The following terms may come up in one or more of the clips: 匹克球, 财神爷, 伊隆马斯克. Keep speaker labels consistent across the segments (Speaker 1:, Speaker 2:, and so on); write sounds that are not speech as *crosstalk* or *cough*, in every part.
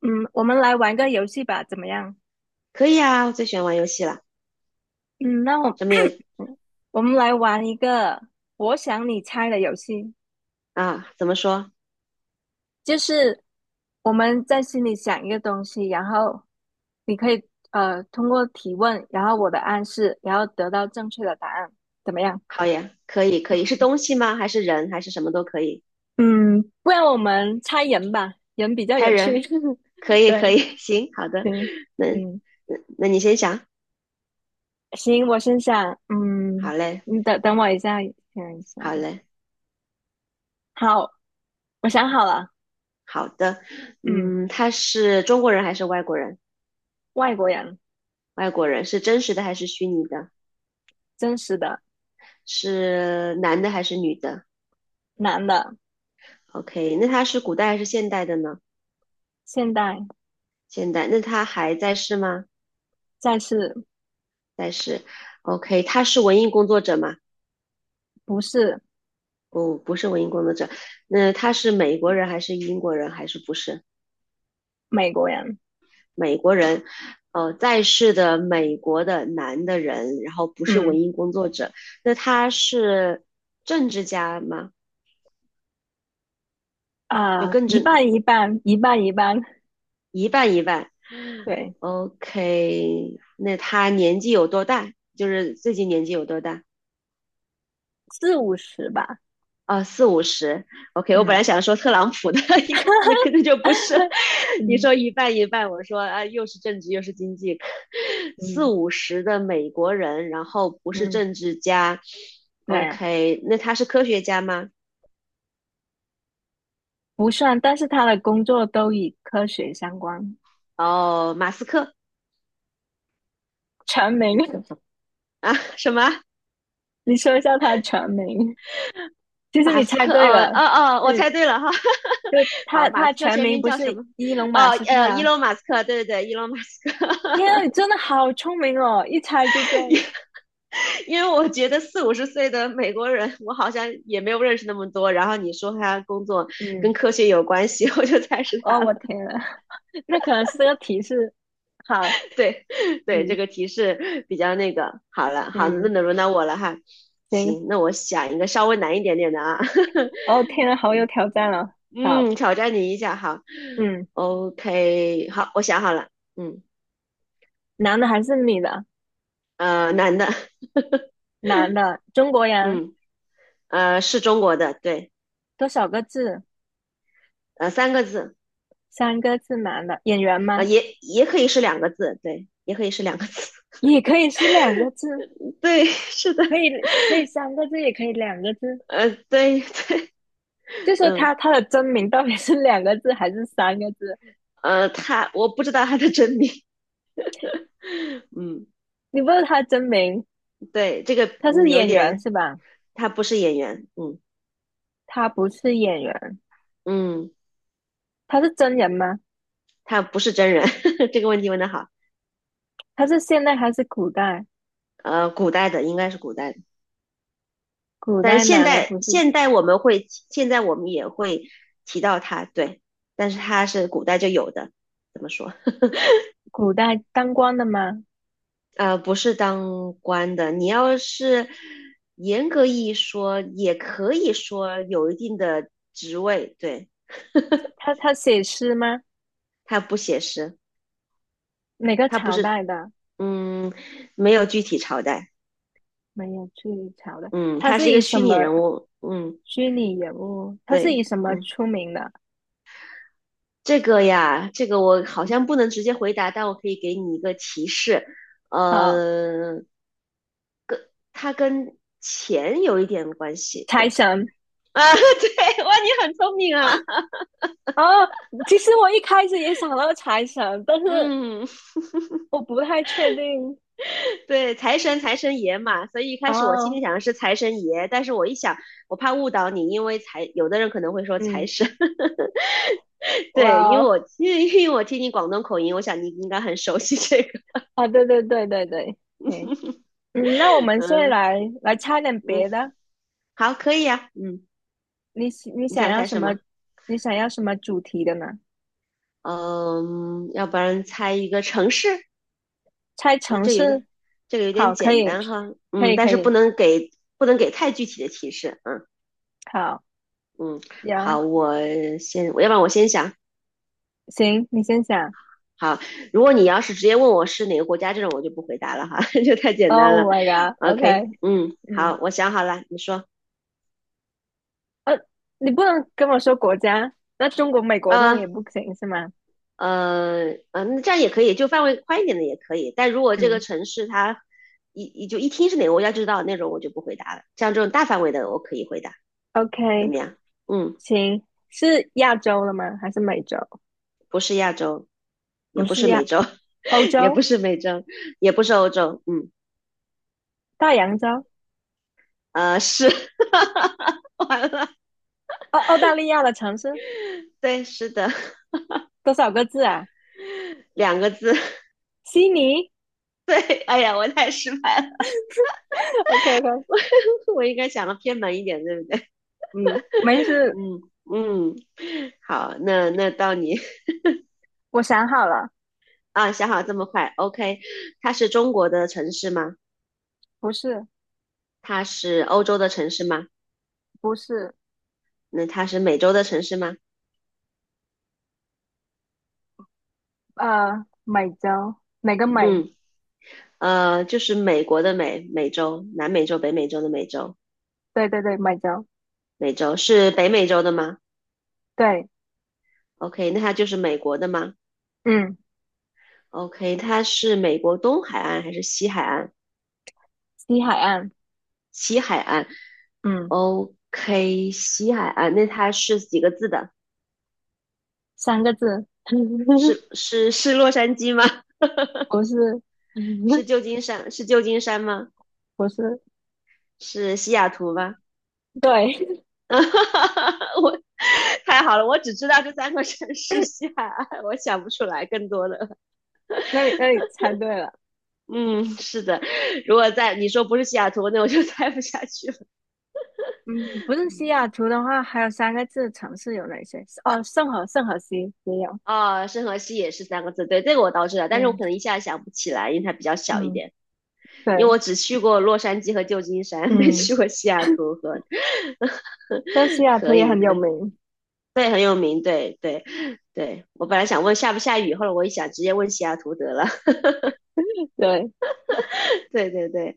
Speaker 1: 嗯，我们来玩个游戏吧，怎么样？
Speaker 2: 可以啊，我最喜欢玩游戏了。
Speaker 1: 嗯，那我
Speaker 2: 什么游
Speaker 1: *clears throat* 我们来玩一个我想你猜的游戏，
Speaker 2: 啊？怎么说？
Speaker 1: 就是我们在心里想一个东西，然后你可以通过提问，然后我的暗示，然后得到正确的答案，怎么样？
Speaker 2: 好呀，可以，可以，是东西吗？还是人？还是什么都可以？
Speaker 1: 嗯，不然我们猜人吧，人比较
Speaker 2: 猜
Speaker 1: 有趣。
Speaker 2: 人，可
Speaker 1: *laughs*
Speaker 2: 以，可
Speaker 1: 对，
Speaker 2: 以，*laughs* 行，好的。
Speaker 1: 行，
Speaker 2: 那
Speaker 1: 嗯，
Speaker 2: 那你先想。
Speaker 1: 行，我先想，
Speaker 2: 好嘞，
Speaker 1: 你等等我一下，想一下，
Speaker 2: 好嘞，
Speaker 1: 好，我想好了，
Speaker 2: 好的。
Speaker 1: 嗯。
Speaker 2: 嗯，他是中国人还是外国人？
Speaker 1: 外国人，
Speaker 2: 外国人是真实的还是虚拟的？
Speaker 1: 真实的
Speaker 2: 是男的还是女的
Speaker 1: 男的，
Speaker 2: ？OK，那他是古代还是现代的呢？
Speaker 1: 现代
Speaker 2: 现代。那他还在世吗？
Speaker 1: 再是
Speaker 2: 在世。OK，他是文艺工作者吗？
Speaker 1: 不是
Speaker 2: 不是文艺工作者，那他是美国人还是英国人还是不是
Speaker 1: 美国人。
Speaker 2: 美国人？哦，在世的美国的男的人，然后不是
Speaker 1: 嗯
Speaker 2: 文艺工作者，那他是政治家吗？就更
Speaker 1: 一
Speaker 2: 正
Speaker 1: 半一半，一半一半，
Speaker 2: 一半一半。
Speaker 1: 对，
Speaker 2: OK，那他年纪有多大？就是最近年纪有多大？
Speaker 1: 四五十吧。
Speaker 2: 啊，四五十，OK。我本
Speaker 1: 嗯
Speaker 2: 来想说特朗普的 *laughs* 一个，那肯定
Speaker 1: *laughs*
Speaker 2: 就不是。你
Speaker 1: 嗯
Speaker 2: 说一半一半，我说啊，又是政治又是经济，四
Speaker 1: 嗯
Speaker 2: 五十的美国人，然后不是
Speaker 1: 嗯，
Speaker 2: 政治家
Speaker 1: 对，
Speaker 2: ，OK。那他是科学家吗？
Speaker 1: 不算，但是他的工作都与科学相关。
Speaker 2: 哦，马斯克
Speaker 1: 全名，
Speaker 2: 啊，什么？
Speaker 1: *laughs* 你说一下他的全名。其实
Speaker 2: 马
Speaker 1: 你
Speaker 2: 斯
Speaker 1: 猜
Speaker 2: 克？
Speaker 1: 对
Speaker 2: 哦
Speaker 1: 了，
Speaker 2: 哦哦，我
Speaker 1: 对
Speaker 2: 猜对了哈。*laughs*
Speaker 1: 对，
Speaker 2: 好，
Speaker 1: 他
Speaker 2: 马
Speaker 1: 他
Speaker 2: 斯克
Speaker 1: 全
Speaker 2: 全
Speaker 1: 名
Speaker 2: 名
Speaker 1: 不
Speaker 2: 叫
Speaker 1: 是
Speaker 2: 什么？
Speaker 1: 伊隆马
Speaker 2: 哦
Speaker 1: 斯克
Speaker 2: 呃，伊
Speaker 1: 啊，
Speaker 2: 隆马斯克，对对对，伊隆马斯克，
Speaker 1: 天啊，你真的好聪明哦，一猜就中。
Speaker 2: *laughs* 因为我觉得四五十岁的美国人，我好像也没有认识那么多。然后你说他工作
Speaker 1: 嗯
Speaker 2: 跟科学有关系，*laughs* 我就猜是他
Speaker 1: 哦，
Speaker 2: 了。
Speaker 1: 我天呐，*laughs* 那可能是这个提示。好，
Speaker 2: 对，对，这
Speaker 1: 嗯
Speaker 2: 个提示比较那个。好了，好，那
Speaker 1: 嗯，
Speaker 2: 轮到我了哈。
Speaker 1: 行。
Speaker 2: 行，那我想一个稍微难一点点的啊。
Speaker 1: 哦，天呐，好有挑战
Speaker 2: *laughs*
Speaker 1: 了。好，
Speaker 2: 嗯，挑战你一下，好
Speaker 1: 嗯，
Speaker 2: ，OK，好，我想好了。嗯，
Speaker 1: 男的还是女的？
Speaker 2: 男的，*laughs*
Speaker 1: 男的，中国人，
Speaker 2: 嗯，是中国的，对，
Speaker 1: 多少个字？
Speaker 2: 三个字，
Speaker 1: 三个字，男的，演员吗？
Speaker 2: 也可以是两个字，对，也可以是两个字，
Speaker 1: 也可以是两个字，
Speaker 2: *laughs* 对，是的。
Speaker 1: 可以可以三个字，也可以两个字。
Speaker 2: 对 *laughs* 对，
Speaker 1: 就说
Speaker 2: 嗯
Speaker 1: 他的真名到底是两个字还是三个字？
Speaker 2: 呃，他我不知道他的真名，*laughs* 嗯，
Speaker 1: 你问他真名，
Speaker 2: 对，这个
Speaker 1: 他是
Speaker 2: 有
Speaker 1: 演员
Speaker 2: 点，
Speaker 1: 是吧？
Speaker 2: 他不是演员，嗯
Speaker 1: 他不是演员，
Speaker 2: 嗯，
Speaker 1: 他是真人吗？
Speaker 2: 他不是真人，*laughs* 这个问题问得好，
Speaker 1: 他是现代还是古代？
Speaker 2: 古代的应该是古代的，
Speaker 1: 古
Speaker 2: 但
Speaker 1: 代
Speaker 2: 现
Speaker 1: 哪的
Speaker 2: 代
Speaker 1: 不是
Speaker 2: 现代我们会现在我们也会提到他，对，但是他是古代就有的，怎么说？*laughs*
Speaker 1: 古代当官的吗？
Speaker 2: 不是当官的，你要是严格意义说，也可以说有一定的职位，对。
Speaker 1: 他写诗吗？
Speaker 2: 他不写实，
Speaker 1: 哪个
Speaker 2: 他不
Speaker 1: 朝
Speaker 2: 是，
Speaker 1: 代的？
Speaker 2: 嗯，没有具体朝代，
Speaker 1: 没有去朝代。
Speaker 2: 嗯，
Speaker 1: 他
Speaker 2: 他是
Speaker 1: 是
Speaker 2: 一
Speaker 1: 以
Speaker 2: 个
Speaker 1: 什
Speaker 2: 虚拟
Speaker 1: 么
Speaker 2: 人物，嗯，
Speaker 1: 虚拟人物？他是以
Speaker 2: 对，
Speaker 1: 什么
Speaker 2: 嗯，
Speaker 1: 出名的？
Speaker 2: 这个呀，这个我好像不能直接回答，但我可以给你一个提示，
Speaker 1: 好，
Speaker 2: 呃，它跟钱有一点关系，对，
Speaker 1: 财神
Speaker 2: 啊，*laughs* 对，哇，你很聪明啊，
Speaker 1: 哦。其实我一开始也想到财神，但是
Speaker 2: 嗯，
Speaker 1: 我不太确定。
Speaker 2: 对，财神爷嘛，所以一开始我心里
Speaker 1: 哦，
Speaker 2: 想的是财神爷，但是我一想，我怕误导你，因为有的人可能会说财
Speaker 1: 嗯，
Speaker 2: 神。
Speaker 1: 哇
Speaker 2: 对，因为
Speaker 1: 哦，
Speaker 2: 我因为因为我听你广东口音，我想你应该很熟悉这个。
Speaker 1: 啊，对对对对对，嗯嗯，那我
Speaker 2: *laughs*
Speaker 1: 们现在
Speaker 2: 嗯
Speaker 1: 来猜点
Speaker 2: 嗯，
Speaker 1: 别的。
Speaker 2: 好，可以啊。嗯，
Speaker 1: 你
Speaker 2: 你
Speaker 1: 想
Speaker 2: 想
Speaker 1: 要
Speaker 2: 猜
Speaker 1: 什
Speaker 2: 什
Speaker 1: 么？
Speaker 2: 么？
Speaker 1: 你想要什么主题的呢？
Speaker 2: 嗯，要不然猜一个城市？
Speaker 1: 猜
Speaker 2: 不，
Speaker 1: 城
Speaker 2: 这有
Speaker 1: 市？
Speaker 2: 点这个有点
Speaker 1: 好，可
Speaker 2: 简
Speaker 1: 以，
Speaker 2: 单哈。
Speaker 1: 可
Speaker 2: 嗯，
Speaker 1: 以，
Speaker 2: 但
Speaker 1: 可
Speaker 2: 是不
Speaker 1: 以。
Speaker 2: 能给不能给太具体的提示。嗯
Speaker 1: 好，
Speaker 2: 嗯，好，
Speaker 1: 呀，
Speaker 2: 我要不然我先想。
Speaker 1: 行，你先想。
Speaker 2: 好，如果你要是直接问我是哪个国家这种，我就不回答了哈，*laughs* 这太简单了。
Speaker 1: Oh my
Speaker 2: OK，
Speaker 1: god，OK、
Speaker 2: 嗯，
Speaker 1: 嗯，
Speaker 2: 好，我想好了，你说。
Speaker 1: 呃，你不能跟我说国家，那中国、美国那种也
Speaker 2: 嗯。
Speaker 1: 不行是吗？
Speaker 2: 嗯，那这样也可以，就范围宽一点的也可以。但如果这个
Speaker 1: 嗯
Speaker 2: 城市它一就一听是哪个国家就知道那种，我就不回答了。像这种大范围的，我可以回答，怎
Speaker 1: ，OK，
Speaker 2: 么样？嗯，
Speaker 1: 行，是亚洲的吗？还是美洲？
Speaker 2: 不是亚洲，也
Speaker 1: 不
Speaker 2: 不
Speaker 1: 是
Speaker 2: 是美
Speaker 1: 亚，
Speaker 2: 洲，
Speaker 1: 欧
Speaker 2: *laughs* 也不
Speaker 1: 洲，
Speaker 2: 是美洲，也不是欧洲，嗯，
Speaker 1: 大洋洲，
Speaker 2: 是，*laughs* 完了，
Speaker 1: 澳大利亚的城市
Speaker 2: 对，是的，
Speaker 1: 多少个字啊？
Speaker 2: 两个字，
Speaker 1: 悉尼。
Speaker 2: *laughs* 对，哎呀，我太失败了，
Speaker 1: *laughs* o k o k
Speaker 2: *laughs* 我应该想的偏门一点，对不对？
Speaker 1: 嗯，没
Speaker 2: *laughs*
Speaker 1: 事，
Speaker 2: 嗯嗯，好，那到你。
Speaker 1: 我想好了。
Speaker 2: 啊，想好这么快，OK。它是中国的城市吗？
Speaker 1: 不是
Speaker 2: 它是欧洲的城市吗？
Speaker 1: 不是，
Speaker 2: 那它是美洲的城市吗？
Speaker 1: 美洲哪个美？
Speaker 2: 嗯，就是美国的美，美洲，南美洲、北美洲的美洲，
Speaker 1: 对对对，美洲，
Speaker 2: 美洲是北美洲的吗
Speaker 1: 对，
Speaker 2: ？OK，那它就是美国的吗
Speaker 1: 嗯，
Speaker 2: ？OK，它是美国东海岸还是西海岸？
Speaker 1: 西海岸，
Speaker 2: 西海岸
Speaker 1: 嗯，
Speaker 2: ，OK，西海岸，那它是几个字的？
Speaker 1: 三个字，*laughs*
Speaker 2: 是洛杉矶吗？*laughs*
Speaker 1: 不是，*laughs*
Speaker 2: 是旧金山？是旧金山吗？
Speaker 1: 不是，
Speaker 2: 是西雅图吗？
Speaker 1: 对，
Speaker 2: *laughs* 啊哈哈哈我太好了，我只知道这三个城市西
Speaker 1: *laughs*
Speaker 2: 海岸，我想不出来更多的。
Speaker 1: 那你猜对了，
Speaker 2: *laughs* 嗯，是的，如果在你说不是西雅图，那我就 *laughs* 猜不下去了。
Speaker 1: 嗯，不是西雅图的话，还有三个字城市有哪些？哦，圣何西也有，
Speaker 2: 哦，圣荷西也是三个字，对，这个我倒知道，但是我
Speaker 1: 对，
Speaker 2: 可能一下想不起来，因为它比较小一
Speaker 1: 嗯，
Speaker 2: 点。
Speaker 1: 对，
Speaker 2: 因为我只去过洛杉矶和旧金山，没
Speaker 1: 嗯，
Speaker 2: 去过西雅图和。
Speaker 1: 但西
Speaker 2: *laughs*
Speaker 1: 雅图
Speaker 2: 可
Speaker 1: 也
Speaker 2: 以，
Speaker 1: 很
Speaker 2: 可
Speaker 1: 有
Speaker 2: 以，
Speaker 1: 名，
Speaker 2: 对，很有名，对，对，对。我本来想问下不下雨，后来我一想，直接问西雅图得了。
Speaker 1: *laughs* 对，
Speaker 2: *laughs* 对对对，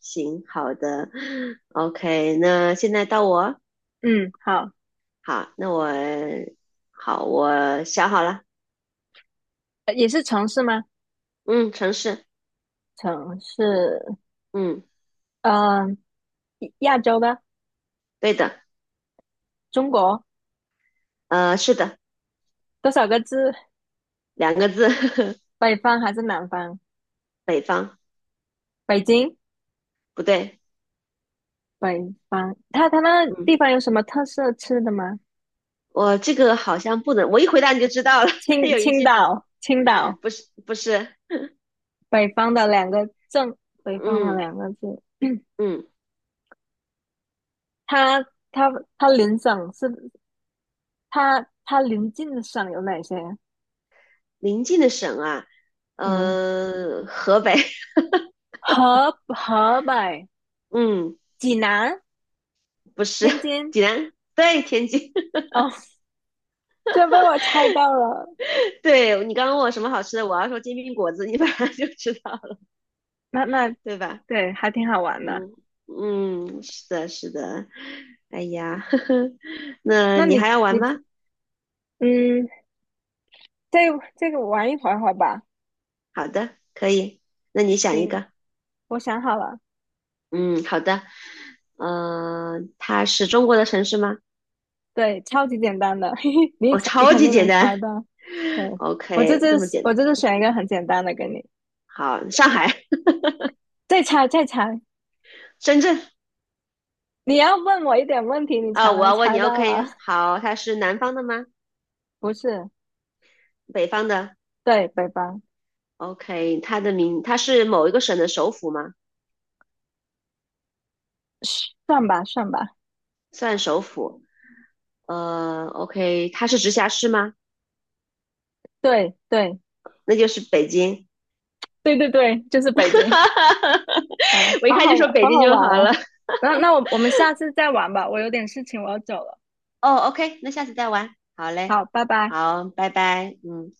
Speaker 2: 行，好的，OK，那现在到我，
Speaker 1: 嗯，好，
Speaker 2: 好，好，我想好了，
Speaker 1: 也是城市吗？
Speaker 2: 嗯，城市，
Speaker 1: 城市，
Speaker 2: 嗯，
Speaker 1: 嗯、亚洲的。
Speaker 2: 对的，
Speaker 1: 中国
Speaker 2: 是的，
Speaker 1: 多少个字？
Speaker 2: 两个字，*laughs*
Speaker 1: 北方还是南方？
Speaker 2: 北方，
Speaker 1: 北京，
Speaker 2: 不对，
Speaker 1: 北方。它那
Speaker 2: 嗯，
Speaker 1: 地方有什么特色吃的吗？
Speaker 2: 我这个好像不能，我一回答你就知道了，*laughs* 它有一
Speaker 1: 青
Speaker 2: 些
Speaker 1: 岛，青岛，
Speaker 2: 不是不是，
Speaker 1: 北方的两个镇，北方的
Speaker 2: 嗯
Speaker 1: 两个字。*clears throat*
Speaker 2: 嗯，
Speaker 1: 它它它邻省是它邻近的省有哪些？
Speaker 2: 临近的省啊，
Speaker 1: 嗯，
Speaker 2: 河北，
Speaker 1: 河北、
Speaker 2: *laughs* 嗯，
Speaker 1: 济南、
Speaker 2: 不是，
Speaker 1: 天津。
Speaker 2: 济南，对，天津，
Speaker 1: 哦，这被我猜到了。
Speaker 2: 对你刚刚问我什么好吃的，我要说煎饼果子，你 *laughs* 马上就知道了，
Speaker 1: 那
Speaker 2: 对吧？
Speaker 1: 对，还挺好玩的。
Speaker 2: 嗯嗯，是的，是的。哎呀，*laughs* 呵呵，那
Speaker 1: 那
Speaker 2: 你还
Speaker 1: 你
Speaker 2: 要玩
Speaker 1: 你
Speaker 2: 吗？
Speaker 1: 嗯，这这个玩一会儿会吧。
Speaker 2: 好的，可以。那你想一
Speaker 1: 行，
Speaker 2: 个。
Speaker 1: 我想好了，
Speaker 2: 嗯，好的。嗯、它是中国的城市吗？
Speaker 1: 对，超级简单的，*laughs* 嘿嘿，你
Speaker 2: 哦，
Speaker 1: 猜你
Speaker 2: 超
Speaker 1: 肯
Speaker 2: 级
Speaker 1: 定
Speaker 2: 简
Speaker 1: 能
Speaker 2: 单。
Speaker 1: 猜到。对，
Speaker 2: *laughs* OK，这么简
Speaker 1: 我这次
Speaker 2: 单。
Speaker 1: 选一个很简单的给你，
Speaker 2: 好，上海、
Speaker 1: 再猜再猜，
Speaker 2: 深圳
Speaker 1: 你要问我一点问题，你
Speaker 2: 啊、
Speaker 1: 才
Speaker 2: 我
Speaker 1: 能
Speaker 2: 要问
Speaker 1: 猜
Speaker 2: 你。
Speaker 1: 到啊。
Speaker 2: OK，好，它是南方的吗？
Speaker 1: *laughs* 不是，
Speaker 2: 北方的
Speaker 1: 对，北方，
Speaker 2: ？OK，它的名，它是某一个省的首府吗？
Speaker 1: 嘘算吧算吧，
Speaker 2: 算首府。OK，它是直辖市吗？
Speaker 1: 对对
Speaker 2: 那就是北京。
Speaker 1: 对对对，就是北京。
Speaker 2: *laughs*
Speaker 1: 啊，
Speaker 2: 我一
Speaker 1: 好
Speaker 2: 看
Speaker 1: 好
Speaker 2: 就说
Speaker 1: 玩，
Speaker 2: 北
Speaker 1: 好
Speaker 2: 京
Speaker 1: 好
Speaker 2: 就
Speaker 1: 玩
Speaker 2: 好
Speaker 1: 哦。
Speaker 2: 了。
Speaker 1: 那我们下次再玩吧，我有点事情，我要走了。
Speaker 2: 哦，OK，那下次再玩。好嘞，
Speaker 1: 好，拜拜。
Speaker 2: 好，拜拜。嗯。